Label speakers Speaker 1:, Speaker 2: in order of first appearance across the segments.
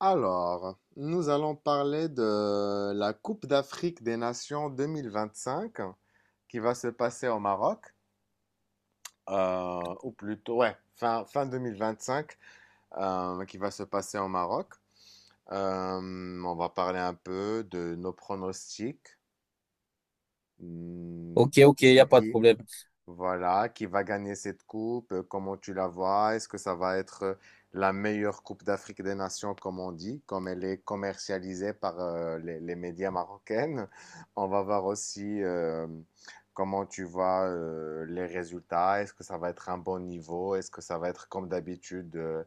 Speaker 1: Alors, nous allons parler de la Coupe d'Afrique des Nations 2025 qui va se passer au Maroc, ou plutôt, ouais, fin 2025 qui va se passer au Maroc. On va parler un peu de nos pronostics. Hmm,
Speaker 2: Ok, ok, il n'y a
Speaker 1: C'est
Speaker 2: pas de
Speaker 1: qui?
Speaker 2: problème.
Speaker 1: Voilà, qui va gagner cette coupe? Comment tu la vois? Est-ce que ça va être la meilleure coupe d'Afrique des Nations, comme on dit, comme elle est commercialisée par les médias marocains? On va voir aussi comment tu vois les résultats. Est-ce que ça va être un bon niveau? Est-ce que ça va être comme d'habitude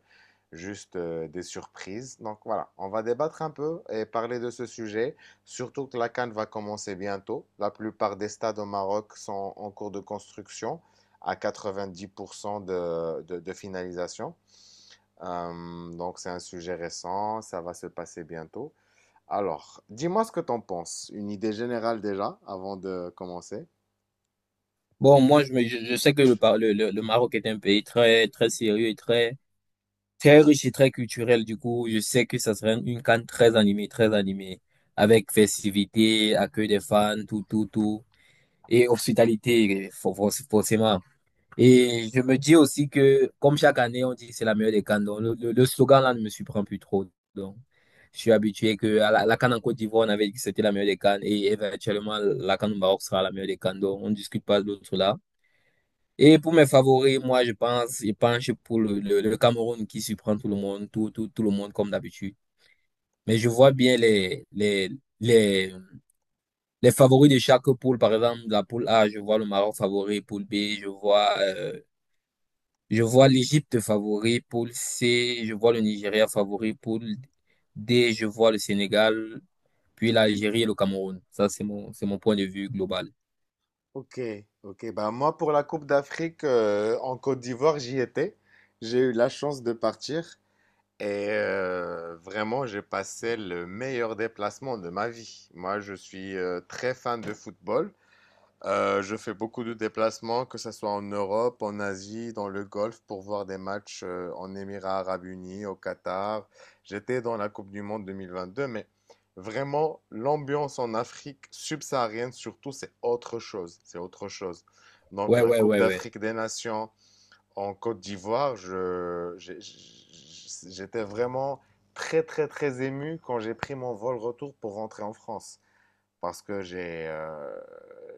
Speaker 1: juste des surprises? Donc voilà, on va débattre un peu et parler de ce sujet. Surtout que la CAN va commencer bientôt. La plupart des stades au Maroc sont en cours de construction, à 90% de finalisation. Donc, c'est un sujet récent, ça va se passer bientôt. Alors, dis-moi ce que t'en penses. Une idée générale déjà, avant de commencer.
Speaker 2: Bon, moi, je sais que le Maroc est un pays très, très sérieux et très, très riche et très culturel. Du coup, je sais que ça serait une CAN très animée, avec festivité, accueil des fans, tout, tout, tout, et hospitalité, forcément. Et je me dis aussi que, comme chaque année, on dit que c'est la meilleure des CAN. Donc, le slogan là ne me surprend plus trop. Donc, je suis habitué que à la CAN en Côte d'Ivoire, on avait dit que c'était la meilleure des CAN. Et éventuellement, la CAN au Maroc sera la meilleure des CAN. Donc, on ne discute pas de l'autre là. Et pour mes favoris, moi, je penche pour le Cameroun qui surprend tout le monde, tout le monde comme d'habitude. Mais je vois bien les, les favoris de chaque poule. Par exemple, la poule A, je vois le Maroc favori, poule B, je vois. euh, je vois l'Égypte favori pour C, je vois le Nigeria favori pour D, je vois le Sénégal, puis l'Algérie et le Cameroun. Ça, c'est mon point de vue global.
Speaker 1: Ok, ok, ben moi pour la Coupe d'Afrique en Côte d'Ivoire, j'y étais. J'ai eu la chance de partir. Et vraiment, j'ai passé le meilleur déplacement de ma vie. Moi, je suis très fan de football. Je fais beaucoup de déplacements, que ce soit en Europe, en Asie, dans le Golfe, pour voir des matchs en Émirats arabes unis, au Qatar. J'étais dans la Coupe du Monde 2022, mais vraiment, l'ambiance en Afrique subsaharienne, surtout, c'est autre chose. C'est autre chose. Donc,
Speaker 2: Ouais,
Speaker 1: la
Speaker 2: ouais,
Speaker 1: Coupe
Speaker 2: ouais, ouais.
Speaker 1: d'Afrique des Nations, en Côte d'Ivoire, j'étais vraiment très, très, très ému quand j'ai pris mon vol retour pour rentrer en France. Parce que j'ai euh,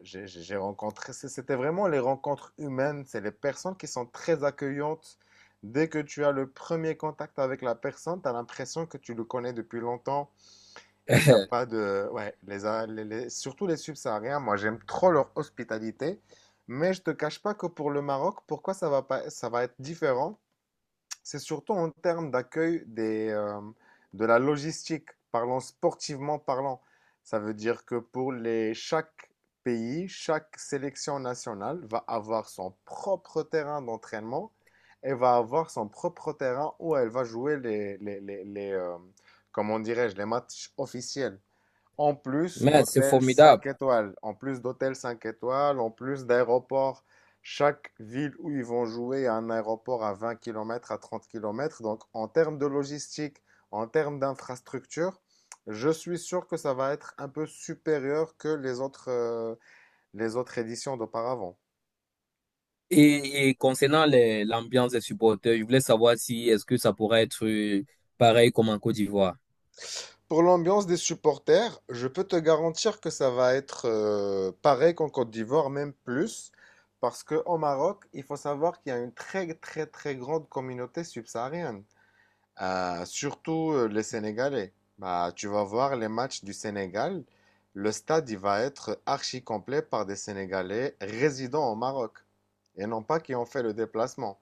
Speaker 1: j'ai j'ai- j'ai rencontré, c'était vraiment les rencontres humaines, c'est les personnes qui sont très accueillantes. Dès que tu as le premier contact avec la personne, tu as l'impression que tu le connais depuis longtemps. Et il n'y a pas de — ouais, les, A- les- les- surtout les subsahariens, moi j'aime trop leur hospitalité, mais je te cache pas que pour le Maroc, pourquoi ça va pas, ça va être différent, c'est surtout en termes d'accueil des, de la logistique, parlant sportivement parlant. Ça veut dire que pour chaque pays, chaque sélection nationale va avoir son propre terrain d'entraînement et va avoir son propre terrain où elle va jouer comment dirais-je, les matchs officiels. En plus
Speaker 2: Mais c'est
Speaker 1: d'hôtels
Speaker 2: formidable.
Speaker 1: 5 étoiles, en plus d'hôtels 5 étoiles, en plus d'aéroports. Chaque ville où ils vont jouer a un aéroport à 20 km, à 30 km. Donc, en termes de logistique, en termes d'infrastructure, je suis sûr que ça va être un peu supérieur que les autres éditions d'auparavant.
Speaker 2: Et concernant l'ambiance des supporters, je voulais savoir si est-ce que ça pourrait être pareil comme en Côte d'Ivoire.
Speaker 1: Pour l'ambiance des supporters, je peux te garantir que ça va être pareil qu'en Côte d'Ivoire, même plus, parce qu'au Maroc, il faut savoir qu'il y a une très très très grande communauté subsaharienne, surtout les Sénégalais. Bah, tu vas voir les matchs du Sénégal, le stade il va être archi complet par des Sénégalais résidant au Maroc, et non pas qui ont fait le déplacement.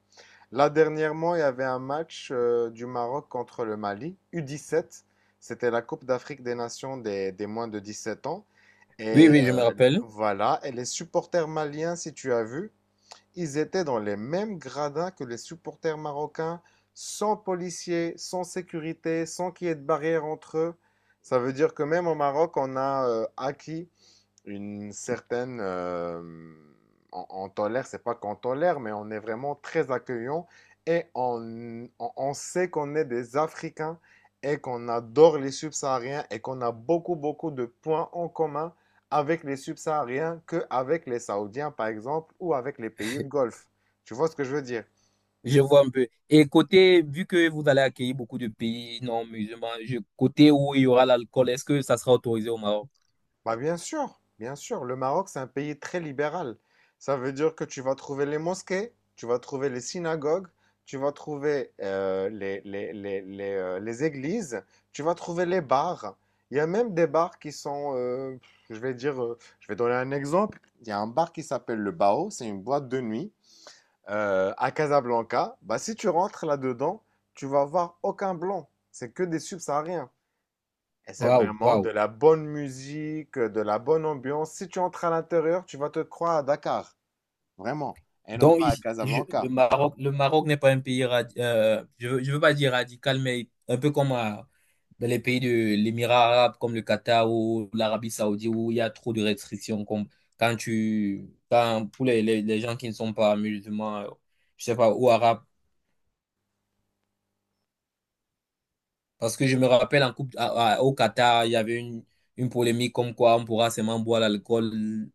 Speaker 1: Là, dernièrement, il y avait un match du Maroc contre le Mali, U17. C'était la Coupe d'Afrique des Nations des moins de 17 ans.
Speaker 2: Oui,
Speaker 1: Et
Speaker 2: oui, je me rappelle.
Speaker 1: voilà, et les supporters maliens, si tu as vu, ils étaient dans les mêmes gradins que les supporters marocains, sans policiers, sans sécurité, sans qu'il y ait de barrière entre eux. Ça veut dire que même au Maroc, on a acquis une certaine — on tolère, c'est pas qu'on tolère, mais on est vraiment très accueillant et on sait qu'on est des Africains et qu'on adore les subsahariens et qu'on a beaucoup, beaucoup de points en commun avec les subsahariens qu'avec les Saoudiens, par exemple, ou avec les pays de Golfe. Tu vois ce que je veux dire?
Speaker 2: Je vois un peu. Et côté, vu que vous allez accueillir beaucoup de pays non musulmans, côté où il y aura l'alcool, est-ce que ça sera autorisé au Maroc?
Speaker 1: Bah bien sûr, bien sûr. Le Maroc, c'est un pays très libéral. Ça veut dire que tu vas trouver les mosquées, tu vas trouver les synagogues, tu vas trouver les églises, tu vas trouver les bars. Il y a même des bars qui sont, je vais dire, je vais donner un exemple. Il y a un bar qui s'appelle le Bao, c'est une boîte de nuit à Casablanca. Bah si tu rentres là-dedans, tu vas voir aucun blanc. C'est que des subsahariens. Et c'est
Speaker 2: Waouh,
Speaker 1: vraiment de
Speaker 2: waouh.
Speaker 1: la bonne musique, de la bonne ambiance. Si tu entres à l'intérieur, tu vas te croire à Dakar, vraiment, et non
Speaker 2: Donc,
Speaker 1: pas à Casablanca.
Speaker 2: Le Maroc n'est pas un pays, je je veux pas dire radical, mais un peu comme dans les pays de l'Émirat arabe, comme le Qatar ou l'Arabie saoudite, où il y a trop de restrictions, comme quand, pour les gens qui ne sont pas musulmans, je sais pas, ou arabes. Parce que je me rappelle en coupe, au Qatar, il y avait une polémique comme quoi on pourra seulement boire l'alcool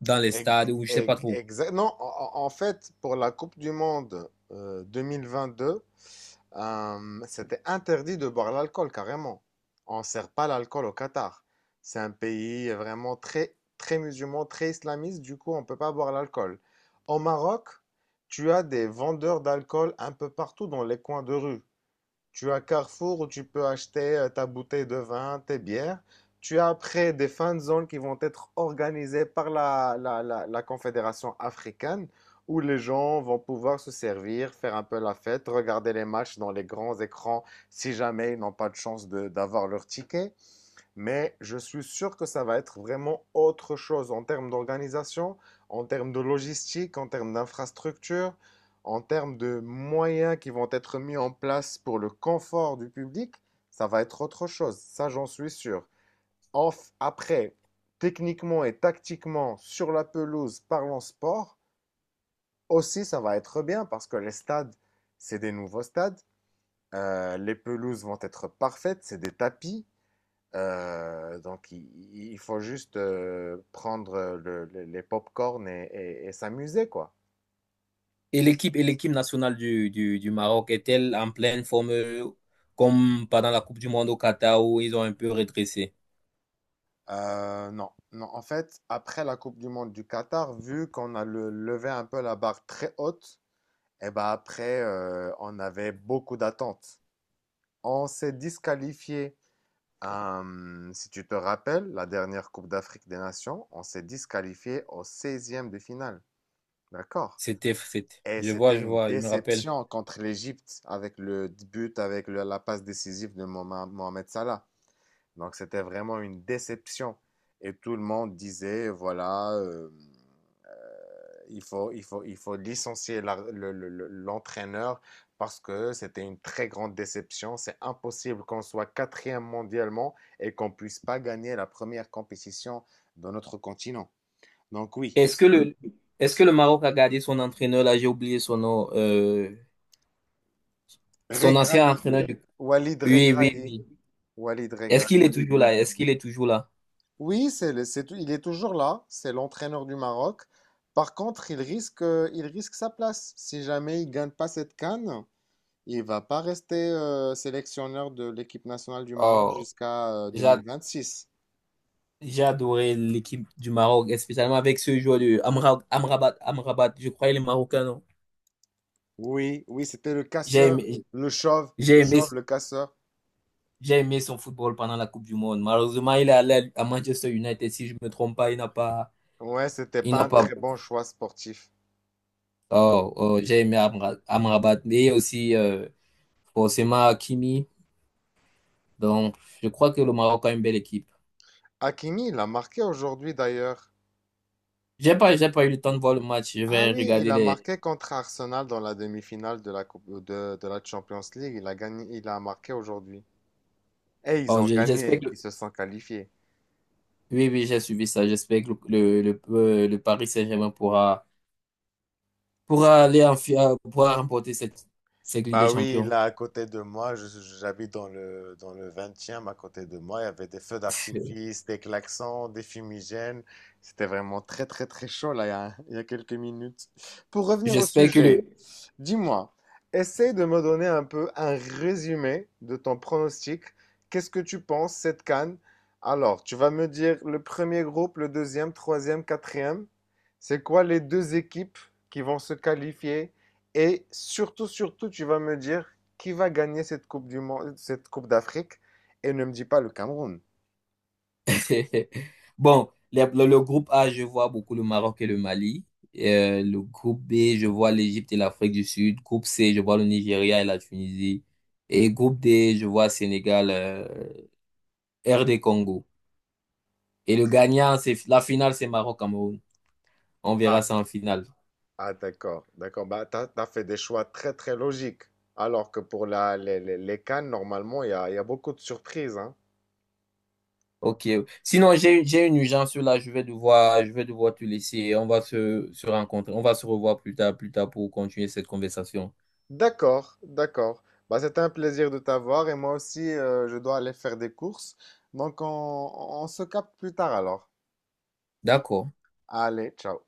Speaker 2: dans les stades,
Speaker 1: Ex-
Speaker 2: ou je sais pas trop.
Speaker 1: non, en fait, pour la Coupe du Monde 2022, c'était interdit de boire l'alcool, carrément. On ne sert pas l'alcool au Qatar. C'est un pays vraiment très, très musulman, très islamiste, du coup, on ne peut pas boire l'alcool. Au Maroc, tu as des vendeurs d'alcool un peu partout dans les coins de rue. Tu as Carrefour où tu peux acheter ta bouteille de vin, tes bières. Tu as après des fan zones qui vont être organisées par la Confédération africaine où les gens vont pouvoir se servir, faire un peu la fête, regarder les matchs dans les grands écrans si jamais ils n'ont pas de chance d'avoir leur ticket. Mais je suis sûr que ça va être vraiment autre chose en termes d'organisation, en termes de logistique, en termes d'infrastructure, en termes de moyens qui vont être mis en place pour le confort du public. Ça va être autre chose, ça j'en suis sûr. Off après, techniquement et tactiquement, sur la pelouse, parlons sport, aussi ça va être bien parce que les stades, c'est des nouveaux stades. Les pelouses vont être parfaites, c'est des tapis. Donc, il faut juste prendre les pop-corn et s'amuser, quoi.
Speaker 2: Et l'équipe nationale du Maroc est-elle en pleine forme comme pendant la Coupe du Monde au Qatar où ils ont un peu redressé?
Speaker 1: Non, non. En fait, après la Coupe du Monde du Qatar, vu qu'on a levé un peu la barre très haute, et ben après, on avait beaucoup d'attentes. On s'est disqualifié. Si tu te rappelles, la dernière Coupe d'Afrique des Nations, on s'est disqualifié au seizième de finale. D'accord?
Speaker 2: C'était, c'était.
Speaker 1: Et
Speaker 2: Je
Speaker 1: c'était
Speaker 2: je
Speaker 1: une
Speaker 2: vois, je me rappelle.
Speaker 1: déception contre l'Égypte avec le but, avec la passe décisive de Mohamed Salah. Donc c'était vraiment une déception. Et tout le monde disait, voilà, il faut licencier l'entraîneur parce que c'était une très grande déception. C'est impossible qu'on soit quatrième mondialement et qu'on puisse pas gagner la première compétition de notre continent. Donc oui,
Speaker 2: Est-ce que le est-ce que le Maroc a gardé son entraîneur là? J'ai oublié son nom. Son ancien
Speaker 1: Regragui,
Speaker 2: entraîneur du.
Speaker 1: Walid
Speaker 2: Oui, oui,
Speaker 1: Regragui,
Speaker 2: oui.
Speaker 1: Walid
Speaker 2: Est-ce qu'il
Speaker 1: Regragui.
Speaker 2: est toujours là? Est-ce qu'il est toujours là?
Speaker 1: Oui, c'est, le- c'est, tou- il est toujours là, c'est l'entraîneur du Maroc. Par contre, il risque sa place. Si jamais il gagne pas cette CAN, il va pas rester sélectionneur de l'équipe nationale du Maroc
Speaker 2: Oh,
Speaker 1: jusqu'à
Speaker 2: j'a-
Speaker 1: six.
Speaker 2: j'ai adoré l'équipe du Maroc, et spécialement avec ce joueur de Amrabat, Amrabat. Je crois qu'il est marocain, non?
Speaker 1: Oui, oui, c'était le
Speaker 2: J'ai
Speaker 1: casseur,
Speaker 2: aimé,
Speaker 1: le chauve,
Speaker 2: j'ai
Speaker 1: le
Speaker 2: aimé.
Speaker 1: chauve, le casseur.
Speaker 2: J'ai aimé son football pendant la Coupe du Monde. Malheureusement, il est allé à Manchester United, si je ne me trompe pas. Il n'a pas.
Speaker 1: Ouais, c'était
Speaker 2: Il
Speaker 1: pas
Speaker 2: n'a
Speaker 1: un
Speaker 2: pas.
Speaker 1: très bon choix sportif.
Speaker 2: Oh, oh, j'ai aimé Amrabat. Et aussi, forcément, Hakimi. Donc, je crois que le Maroc a une belle équipe.
Speaker 1: Hakimi, il a marqué aujourd'hui d'ailleurs. Il a,
Speaker 2: J'ai pas eu le temps de voir le match. Je
Speaker 1: ah
Speaker 2: vais
Speaker 1: oui, il
Speaker 2: regarder
Speaker 1: a, oui,
Speaker 2: les.
Speaker 1: marqué contre Arsenal dans la demi-finale de la coupe, de la Champions League. Il a gagné, il a marqué aujourd'hui. Et ils
Speaker 2: Oh,
Speaker 1: ont
Speaker 2: j'espère
Speaker 1: gagné,
Speaker 2: que.
Speaker 1: ils se sont qualifiés.
Speaker 2: Oui, oui, j'ai suivi ça. J'espère que le Paris Saint-Germain pourra, pourra aller pourra remporter cette Ligue des
Speaker 1: Bah oui,
Speaker 2: Champions.
Speaker 1: là à côté de moi, j'habite dans le 20 à côté de moi, il y avait des feux d'artifice, des klaxons, des fumigènes. C'était vraiment très très très chaud là il y a quelques minutes. Pour revenir au
Speaker 2: J'espère que
Speaker 1: sujet,
Speaker 2: le,
Speaker 1: dis-moi, essaie de me donner un peu un résumé de ton pronostic. Qu'est-ce que tu penses cette CAN? Alors, tu vas me dire le premier groupe, le deuxième, troisième, quatrième. C'est quoi les deux équipes qui vont se qualifier? Et surtout, surtout, tu vas me dire qui va gagner cette Coupe du Monde, cette Coupe d'Afrique, et ne me dis pas le Cameroun.
Speaker 2: Bon, le groupe A, je vois beaucoup le Maroc et le Mali. Le groupe B, je vois l'Égypte et l'Afrique du Sud. Groupe C, je vois le Nigeria et la Tunisie. Et groupe D, je vois Sénégal, RD Congo. Et le
Speaker 1: Très-
Speaker 2: gagnant, c'est la finale, c'est Maroc-Cameroun. On verra
Speaker 1: Ah,
Speaker 2: ça en finale.
Speaker 1: ah, d'accord, d'accord. Bah, t'as fait des choix très, très logiques. Alors que pour les CAN, normalement, il y a beaucoup de surprises, hein.
Speaker 2: Ok. Sinon, j'ai une urgence là. Je vais devoir te laisser. On va se rencontrer. On va se revoir plus tard pour continuer cette conversation.
Speaker 1: D'accord, d'accord. Bah, c'était un plaisir de t'avoir, et moi aussi, je dois aller faire des courses. Donc, on se capte plus tard alors.
Speaker 2: D'accord.
Speaker 1: Allez, ciao.